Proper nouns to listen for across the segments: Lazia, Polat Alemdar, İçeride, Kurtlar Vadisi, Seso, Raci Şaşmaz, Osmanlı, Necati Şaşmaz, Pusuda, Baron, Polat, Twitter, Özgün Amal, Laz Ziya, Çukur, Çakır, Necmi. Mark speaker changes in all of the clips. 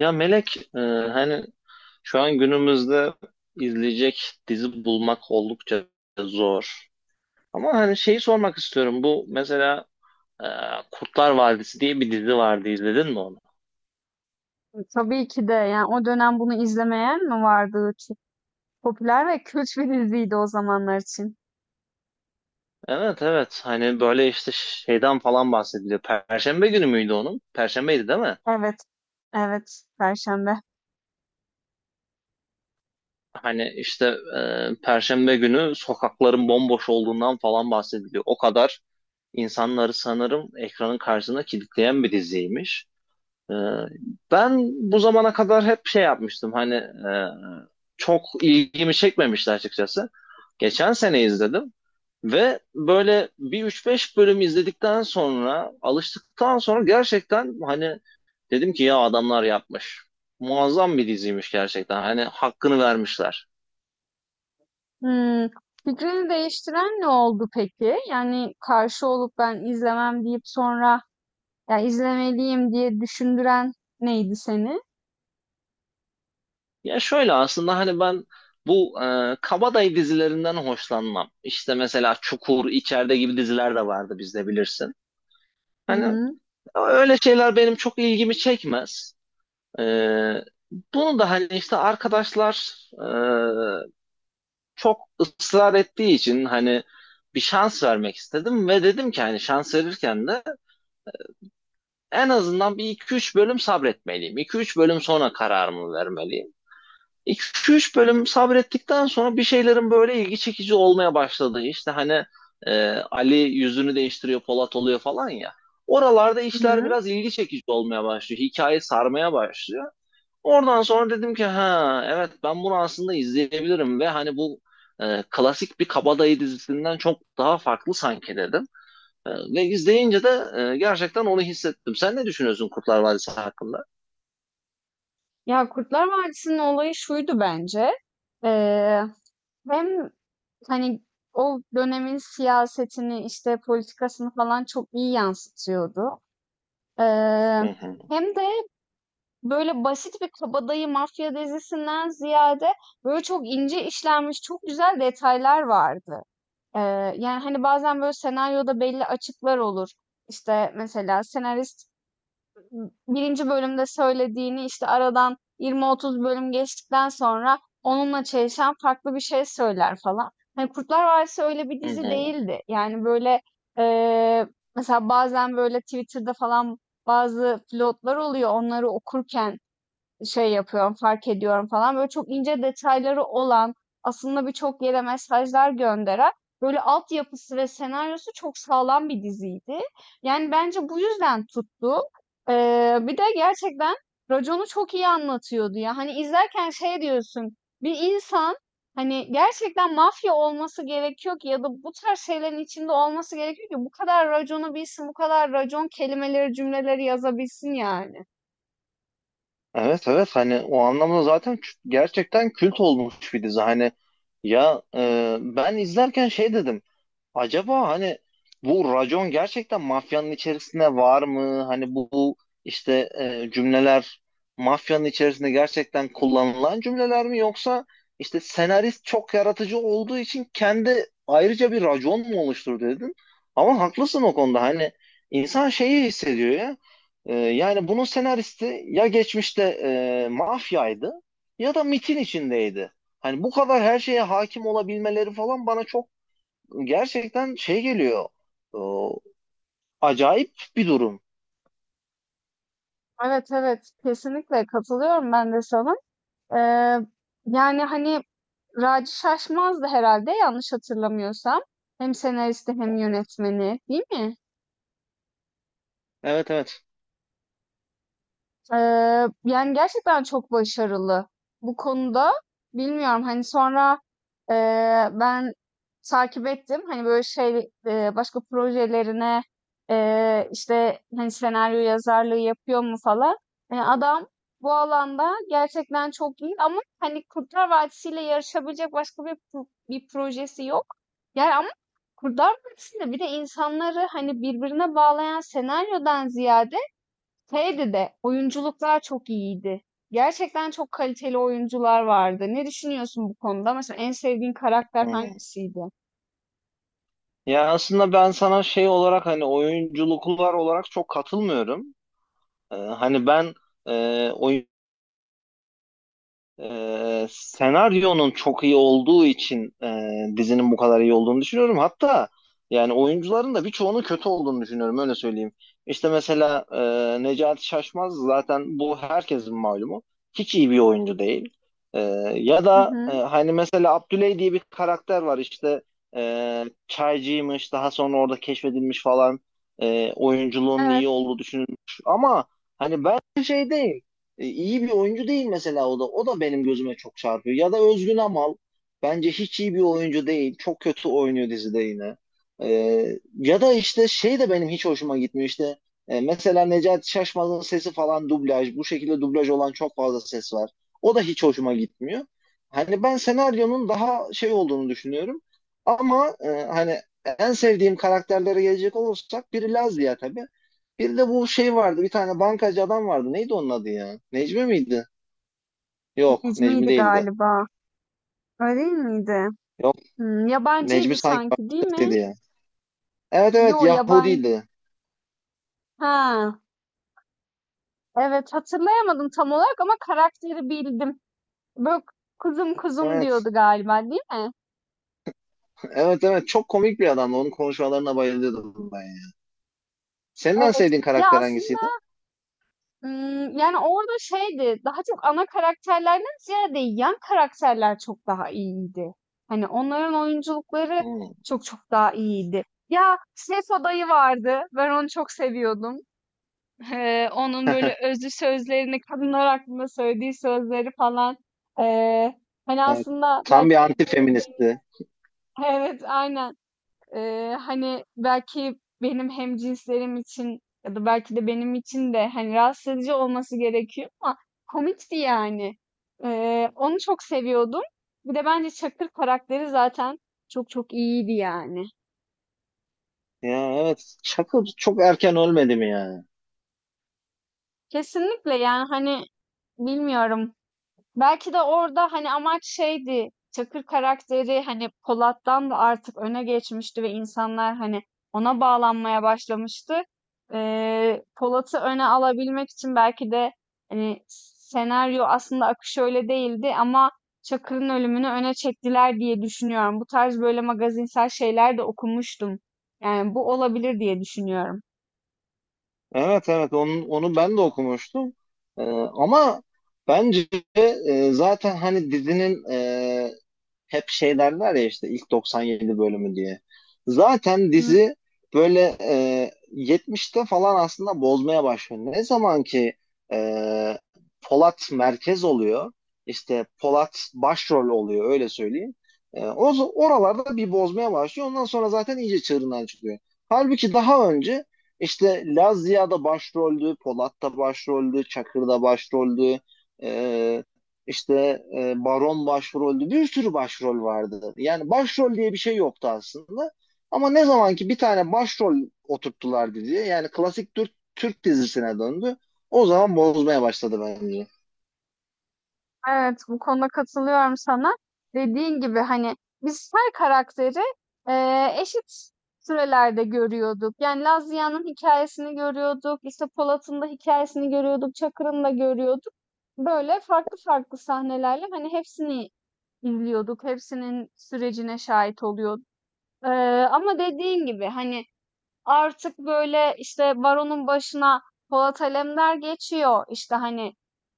Speaker 1: Ya Melek, hani şu an günümüzde izleyecek dizi bulmak oldukça zor. Ama hani şeyi sormak istiyorum. Bu mesela e, Kurtlar Vadisi diye bir dizi vardı. İzledin mi onu?
Speaker 2: Tabii ki de yani o dönem bunu izlemeyen mi vardı? Çok popüler ve kült bir diziydi o zamanlar için.
Speaker 1: Evet, evet. Hani böyle işte şeyden falan bahsediliyor. Perşembe günü müydü onun? Perşembeydi değil mi?
Speaker 2: Evet, evet, Perşembe.
Speaker 1: Hani işte Perşembe günü sokakların bomboş olduğundan falan bahsediliyor. O kadar insanları sanırım ekranın karşısına kilitleyen bir diziymiş. Ee, ben bu zamana kadar hep şey yapmıştım hani çok ilgimi çekmemişti açıkçası. Geçen sene izledim ve böyle bir üç beş bölüm izledikten sonra alıştıktan sonra gerçekten hani dedim ki ya adamlar yapmış. Muazzam bir diziymiş gerçekten hani hakkını vermişler.
Speaker 2: Hmm, Fikrini değiştiren ne oldu peki? Yani karşı olup ben izlemem deyip sonra ya izlemeliyim diye düşündüren neydi seni?
Speaker 1: Ya şöyle aslında hani ben bu kabadayı dizilerinden hoşlanmam. İşte mesela Çukur, İçeride gibi diziler de vardı bizde bilirsin.
Speaker 2: Hı
Speaker 1: Hani
Speaker 2: hı,
Speaker 1: ama öyle şeyler benim çok ilgimi çekmez. Ee, bunu da hani işte arkadaşlar e, çok ısrar ettiği için hani bir şans vermek istedim ve dedim ki hani şans verirken de en azından bir iki üç bölüm sabretmeliyim. İki üç bölüm sonra kararımı vermeliyim. 2-3 bölüm sabrettikten sonra bir şeylerin böyle ilgi çekici olmaya başladı. İşte hani Ali yüzünü değiştiriyor, Polat oluyor falan ya. Oralarda
Speaker 2: hı
Speaker 1: işler
Speaker 2: hı.
Speaker 1: biraz ilgi çekici olmaya başlıyor. Hikaye sarmaya başlıyor. Oradan sonra dedim ki ha evet ben bunu aslında izleyebilirim ve hani bu klasik bir kabadayı dizisinden çok daha farklı sanki dedim. Ve izleyince de gerçekten onu hissettim. Sen ne düşünüyorsun Kurtlar Vadisi hakkında?
Speaker 2: Ya Kurtlar Vadisi'nin olayı şuydu bence. Ee, Hem hani o dönemin siyasetini işte politikasını falan çok iyi yansıtıyordu. Eee,
Speaker 1: Hı hı.
Speaker 2: Hem de böyle basit bir kabadayı mafya dizisinden ziyade böyle çok ince işlenmiş çok güzel detaylar vardı. Yani hani bazen böyle senaryoda belli açıklar olur. İşte mesela senarist birinci bölümde söylediğini işte aradan 20-30 bölüm geçtikten sonra onunla çelişen farklı bir şey söyler falan. Hani Kurtlar Vadisi öyle bir
Speaker 1: Hı
Speaker 2: dizi
Speaker 1: hı.
Speaker 2: değildi. Yani böyle eee, mesela bazen böyle Twitter'da falan bazı pilotlar oluyor. Onları okurken şey yapıyorum, fark ediyorum falan. Böyle çok ince detayları olan, aslında birçok yere mesajlar gönderen, böyle altyapısı ve senaryosu çok sağlam bir diziydi. Yani bence bu yüzden tuttu. Bir de gerçekten raconu çok iyi anlatıyordu ya. Hani izlerken şey diyorsun, bir insan hani gerçekten mafya olması gerekiyor ki ya da bu tarz şeylerin içinde olması gerekiyor ki bu kadar raconu bilsin, bu kadar racon kelimeleri, cümleleri yazabilsin yani.
Speaker 1: Evet, evet, hani o anlamda zaten gerçekten kült olmuş bir dizi. Hani ya ben izlerken şey dedim. Acaba hani bu racon gerçekten mafyanın içerisinde var mı? Hani bu, bu işte cümleler mafyanın içerisinde gerçekten kullanılan cümleler mi yoksa işte senarist çok yaratıcı olduğu için kendi ayrıca bir racon mu oluşturdu dedin? Ama haklısın o konuda. Hani insan şeyi hissediyor ya. Yani bunun senaristi ya geçmişte mafyaydı ya da MIT'in içindeydi. Hani bu kadar her şeye hakim olabilmeleri falan bana çok gerçekten şey geliyor. O, acayip bir durum.
Speaker 2: Evet, evet. Kesinlikle katılıyorum ben de sana. Eee, Yani hani Raci Şaşmaz'dı herhalde yanlış hatırlamıyorsam. Hem senaristi hem yönetmeni değil mi?
Speaker 1: Evet, evet.
Speaker 2: Yani gerçekten çok başarılı bu konuda. Bilmiyorum hani sonra ben takip ettim. Hani böyle şey, başka projelerine, işte hani senaryo yazarlığı yapıyor mu falan. Yani adam bu alanda gerçekten çok iyi ama hani Kurtlar Vadisi'yle yarışabilecek başka bir projesi yok. Yani ama Kurtlar Vadisi'nde bir de insanları hani birbirine bağlayan senaryodan ziyade şeydi de oyunculuklar çok iyiydi. Gerçekten çok kaliteli oyuncular vardı. Ne düşünüyorsun bu konuda? Mesela en sevdiğin karakter
Speaker 1: Hmm.
Speaker 2: hangisiydi?
Speaker 1: Ya aslında ben sana şey olarak hani oyunculuklar olarak çok katılmıyorum. Hani e, senaryonun çok iyi olduğu için dizinin bu kadar iyi olduğunu düşünüyorum. Hatta yani oyuncuların da birçoğunun kötü olduğunu düşünüyorum öyle söyleyeyim. İşte mesela Necati Şaşmaz zaten bu herkesin malumu. Hiç iyi bir oyuncu değil. E, ya
Speaker 2: Hı
Speaker 1: da
Speaker 2: hı.
Speaker 1: hani mesela Abdüley diye bir karakter var işte çaycıymış daha sonra orada keşfedilmiş falan. Oyunculuğunun
Speaker 2: Evet,
Speaker 1: iyi olduğu düşünülmüş. Ama hani ben şey değil. İyi bir oyuncu değil mesela o da. O da benim gözüme çok çarpıyor. Ya da Özgün Amal bence hiç iyi bir oyuncu değil. Çok kötü oynuyor dizide yine. E, ya da işte şey de benim hiç hoşuma gitmiyor işte. Mesela Necati Şaşmaz'ın sesi falan dublaj. Bu şekilde dublaj olan çok fazla ses var. O da hiç hoşuma gitmiyor. Hani ben senaryonun daha şey olduğunu düşünüyorum. Ama hani en sevdiğim karakterlere gelecek olursak biri Lazia tabii. Bir de bu şey vardı. Bir tane bankacı adam vardı. Neydi onun adı ya? Necmi miydi? Yok, Necmi
Speaker 2: Necmi'ydi
Speaker 1: değildi.
Speaker 2: galiba. Öyle değil miydi?
Speaker 1: Yok,
Speaker 2: Hmm,
Speaker 1: Necmi
Speaker 2: yabancıydı
Speaker 1: sanki
Speaker 2: sanki, değil mi?
Speaker 1: başkasıydı ya. Evet, evet,
Speaker 2: Yo, yabancı.
Speaker 1: Yahudiydi.
Speaker 2: Ha, evet hatırlayamadım tam olarak ama karakteri bildim. Böyle kuzum kuzum
Speaker 1: Evet.
Speaker 2: diyordu galiba, değil mi?
Speaker 1: Evet, evet, çok komik bir adamdı. Onun konuşmalarına bayılıyordum ben ya. Senin en
Speaker 2: Evet.
Speaker 1: sevdiğin
Speaker 2: Ya
Speaker 1: karakter
Speaker 2: aslında
Speaker 1: hangisiydi?
Speaker 2: Yani, orada şeydi, daha çok ana karakterlerden ziyade yan karakterler çok daha iyiydi. Hani, onların oyunculukları
Speaker 1: Hmm.
Speaker 2: çok çok daha iyiydi. Ya, Seso dayı vardı. Ben onu çok seviyordum. Onun böyle özlü sözlerini, kadınlar hakkında söylediği sözleri falan. Eee, Hani, aslında
Speaker 1: Tam bir
Speaker 2: belki bir
Speaker 1: anti-feministti.
Speaker 2: evet, aynen. Hani, belki benim hem cinslerim için ya da belki de benim için de, hani, rahatsız edici olması gerekiyor ama komikti yani. Onu çok seviyordum. Bir de bence Çakır karakteri zaten çok çok iyiydi yani.
Speaker 1: Ya evet. Çakır çok erken ölmedi mi yani?
Speaker 2: Kesinlikle yani, hani, bilmiyorum. Belki de orada, hani, amaç şeydi, Çakır karakteri, hani, Polat'tan da artık öne geçmişti ve insanlar, hani, ona bağlanmaya başlamıştı. Polat'ı öne alabilmek için belki de, hani, senaryo aslında akışı öyle değildi ama Çakır'ın ölümünü öne çektiler diye düşünüyorum. Bu tarz böyle magazinsel şeyler de okumuştum. Yani, bu olabilir diye düşünüyorum.
Speaker 1: Evet, evet, onu, onu ben de okumuştum. Ama bence zaten hani dizinin hep şey derler ya işte ilk 97 bölümü diye. Zaten
Speaker 2: Hı,
Speaker 1: dizi böyle 70'te falan aslında bozmaya başlıyor. Ne zaman ki e, Polat merkez oluyor, işte Polat başrol oluyor öyle söyleyeyim. O oralarda bir bozmaya başlıyor. Ondan sonra zaten iyice çığırından çıkıyor. Halbuki daha önce işte Laz Ziya da başroldü, Polat da başroldü, Çakır da başroldü. E, işte Baron başroldü. Bir sürü başrol vardı. Yani başrol diye bir şey yoktu aslında. Ama ne zaman ki bir tane başrol oturttular diye yani klasik Türk, Türk dizisine döndü. O zaman bozmaya başladı bence.
Speaker 2: evet, bu konuda katılıyorum sana. Dediğin gibi hani biz her karakteri eşit sürelerde görüyorduk. Yani Laz Ziya'nın hikayesini görüyorduk, işte Polat'ın da hikayesini görüyorduk, Çakır'ın da görüyorduk. Böyle farklı farklı sahnelerle hani hepsini izliyorduk, hepsinin sürecine şahit oluyorduk. Eee, Ama dediğin gibi hani artık böyle işte Baron'un başına Polat Alemdar geçiyor. İşte hani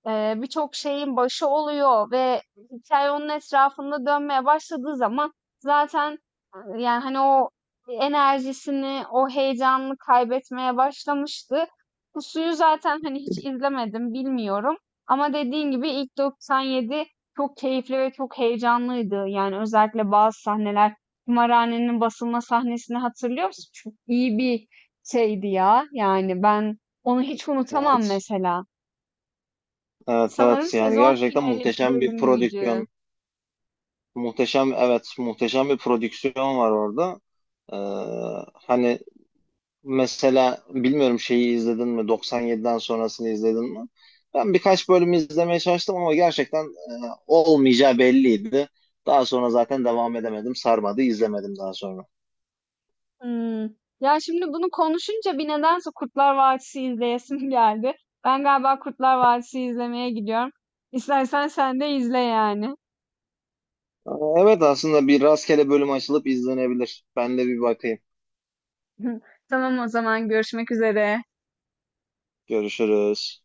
Speaker 2: birçok şeyin başı oluyor ve hikaye onun etrafında dönmeye başladığı zaman zaten yani hani o enerjisini, o heyecanını kaybetmeye başlamıştı. Pusuyu zaten hani hiç izlemedim, bilmiyorum. Ama dediğin gibi ilk 97 çok keyifli ve çok heyecanlıydı. Yani özellikle bazı sahneler Kumarhanenin basılma sahnesini hatırlıyor musun? Çok iyi bir şeydi ya. Yani ben onu hiç unutamam
Speaker 1: Evet.
Speaker 2: mesela.
Speaker 1: Evet,
Speaker 2: Sanırım
Speaker 1: evet, yani
Speaker 2: sezon
Speaker 1: gerçekten
Speaker 2: finali
Speaker 1: muhteşem bir
Speaker 2: bölümüydü.
Speaker 1: prodüksiyon. Muhteşem, evet, muhteşem bir prodüksiyon var orada. Ee, hani mesela bilmiyorum şeyi izledin mi? 97'den sonrasını izledin mi? Ben birkaç bölüm izlemeye çalıştım ama gerçekten olmayacağı belliydi. Daha sonra zaten devam edemedim. Sarmadı, izlemedim daha sonra.
Speaker 2: Hmm. Ya şimdi bunu konuşunca bir nedense Kurtlar Vadisi izleyesim geldi. Ben galiba Kurtlar Vadisi izlemeye gidiyorum. İstersen sen de izle yani.
Speaker 1: Aa, evet, aslında bir rastgele bölüm açılıp izlenebilir. Ben de bir bakayım.
Speaker 2: Tamam o zaman görüşmek üzere.
Speaker 1: Görüşürüz.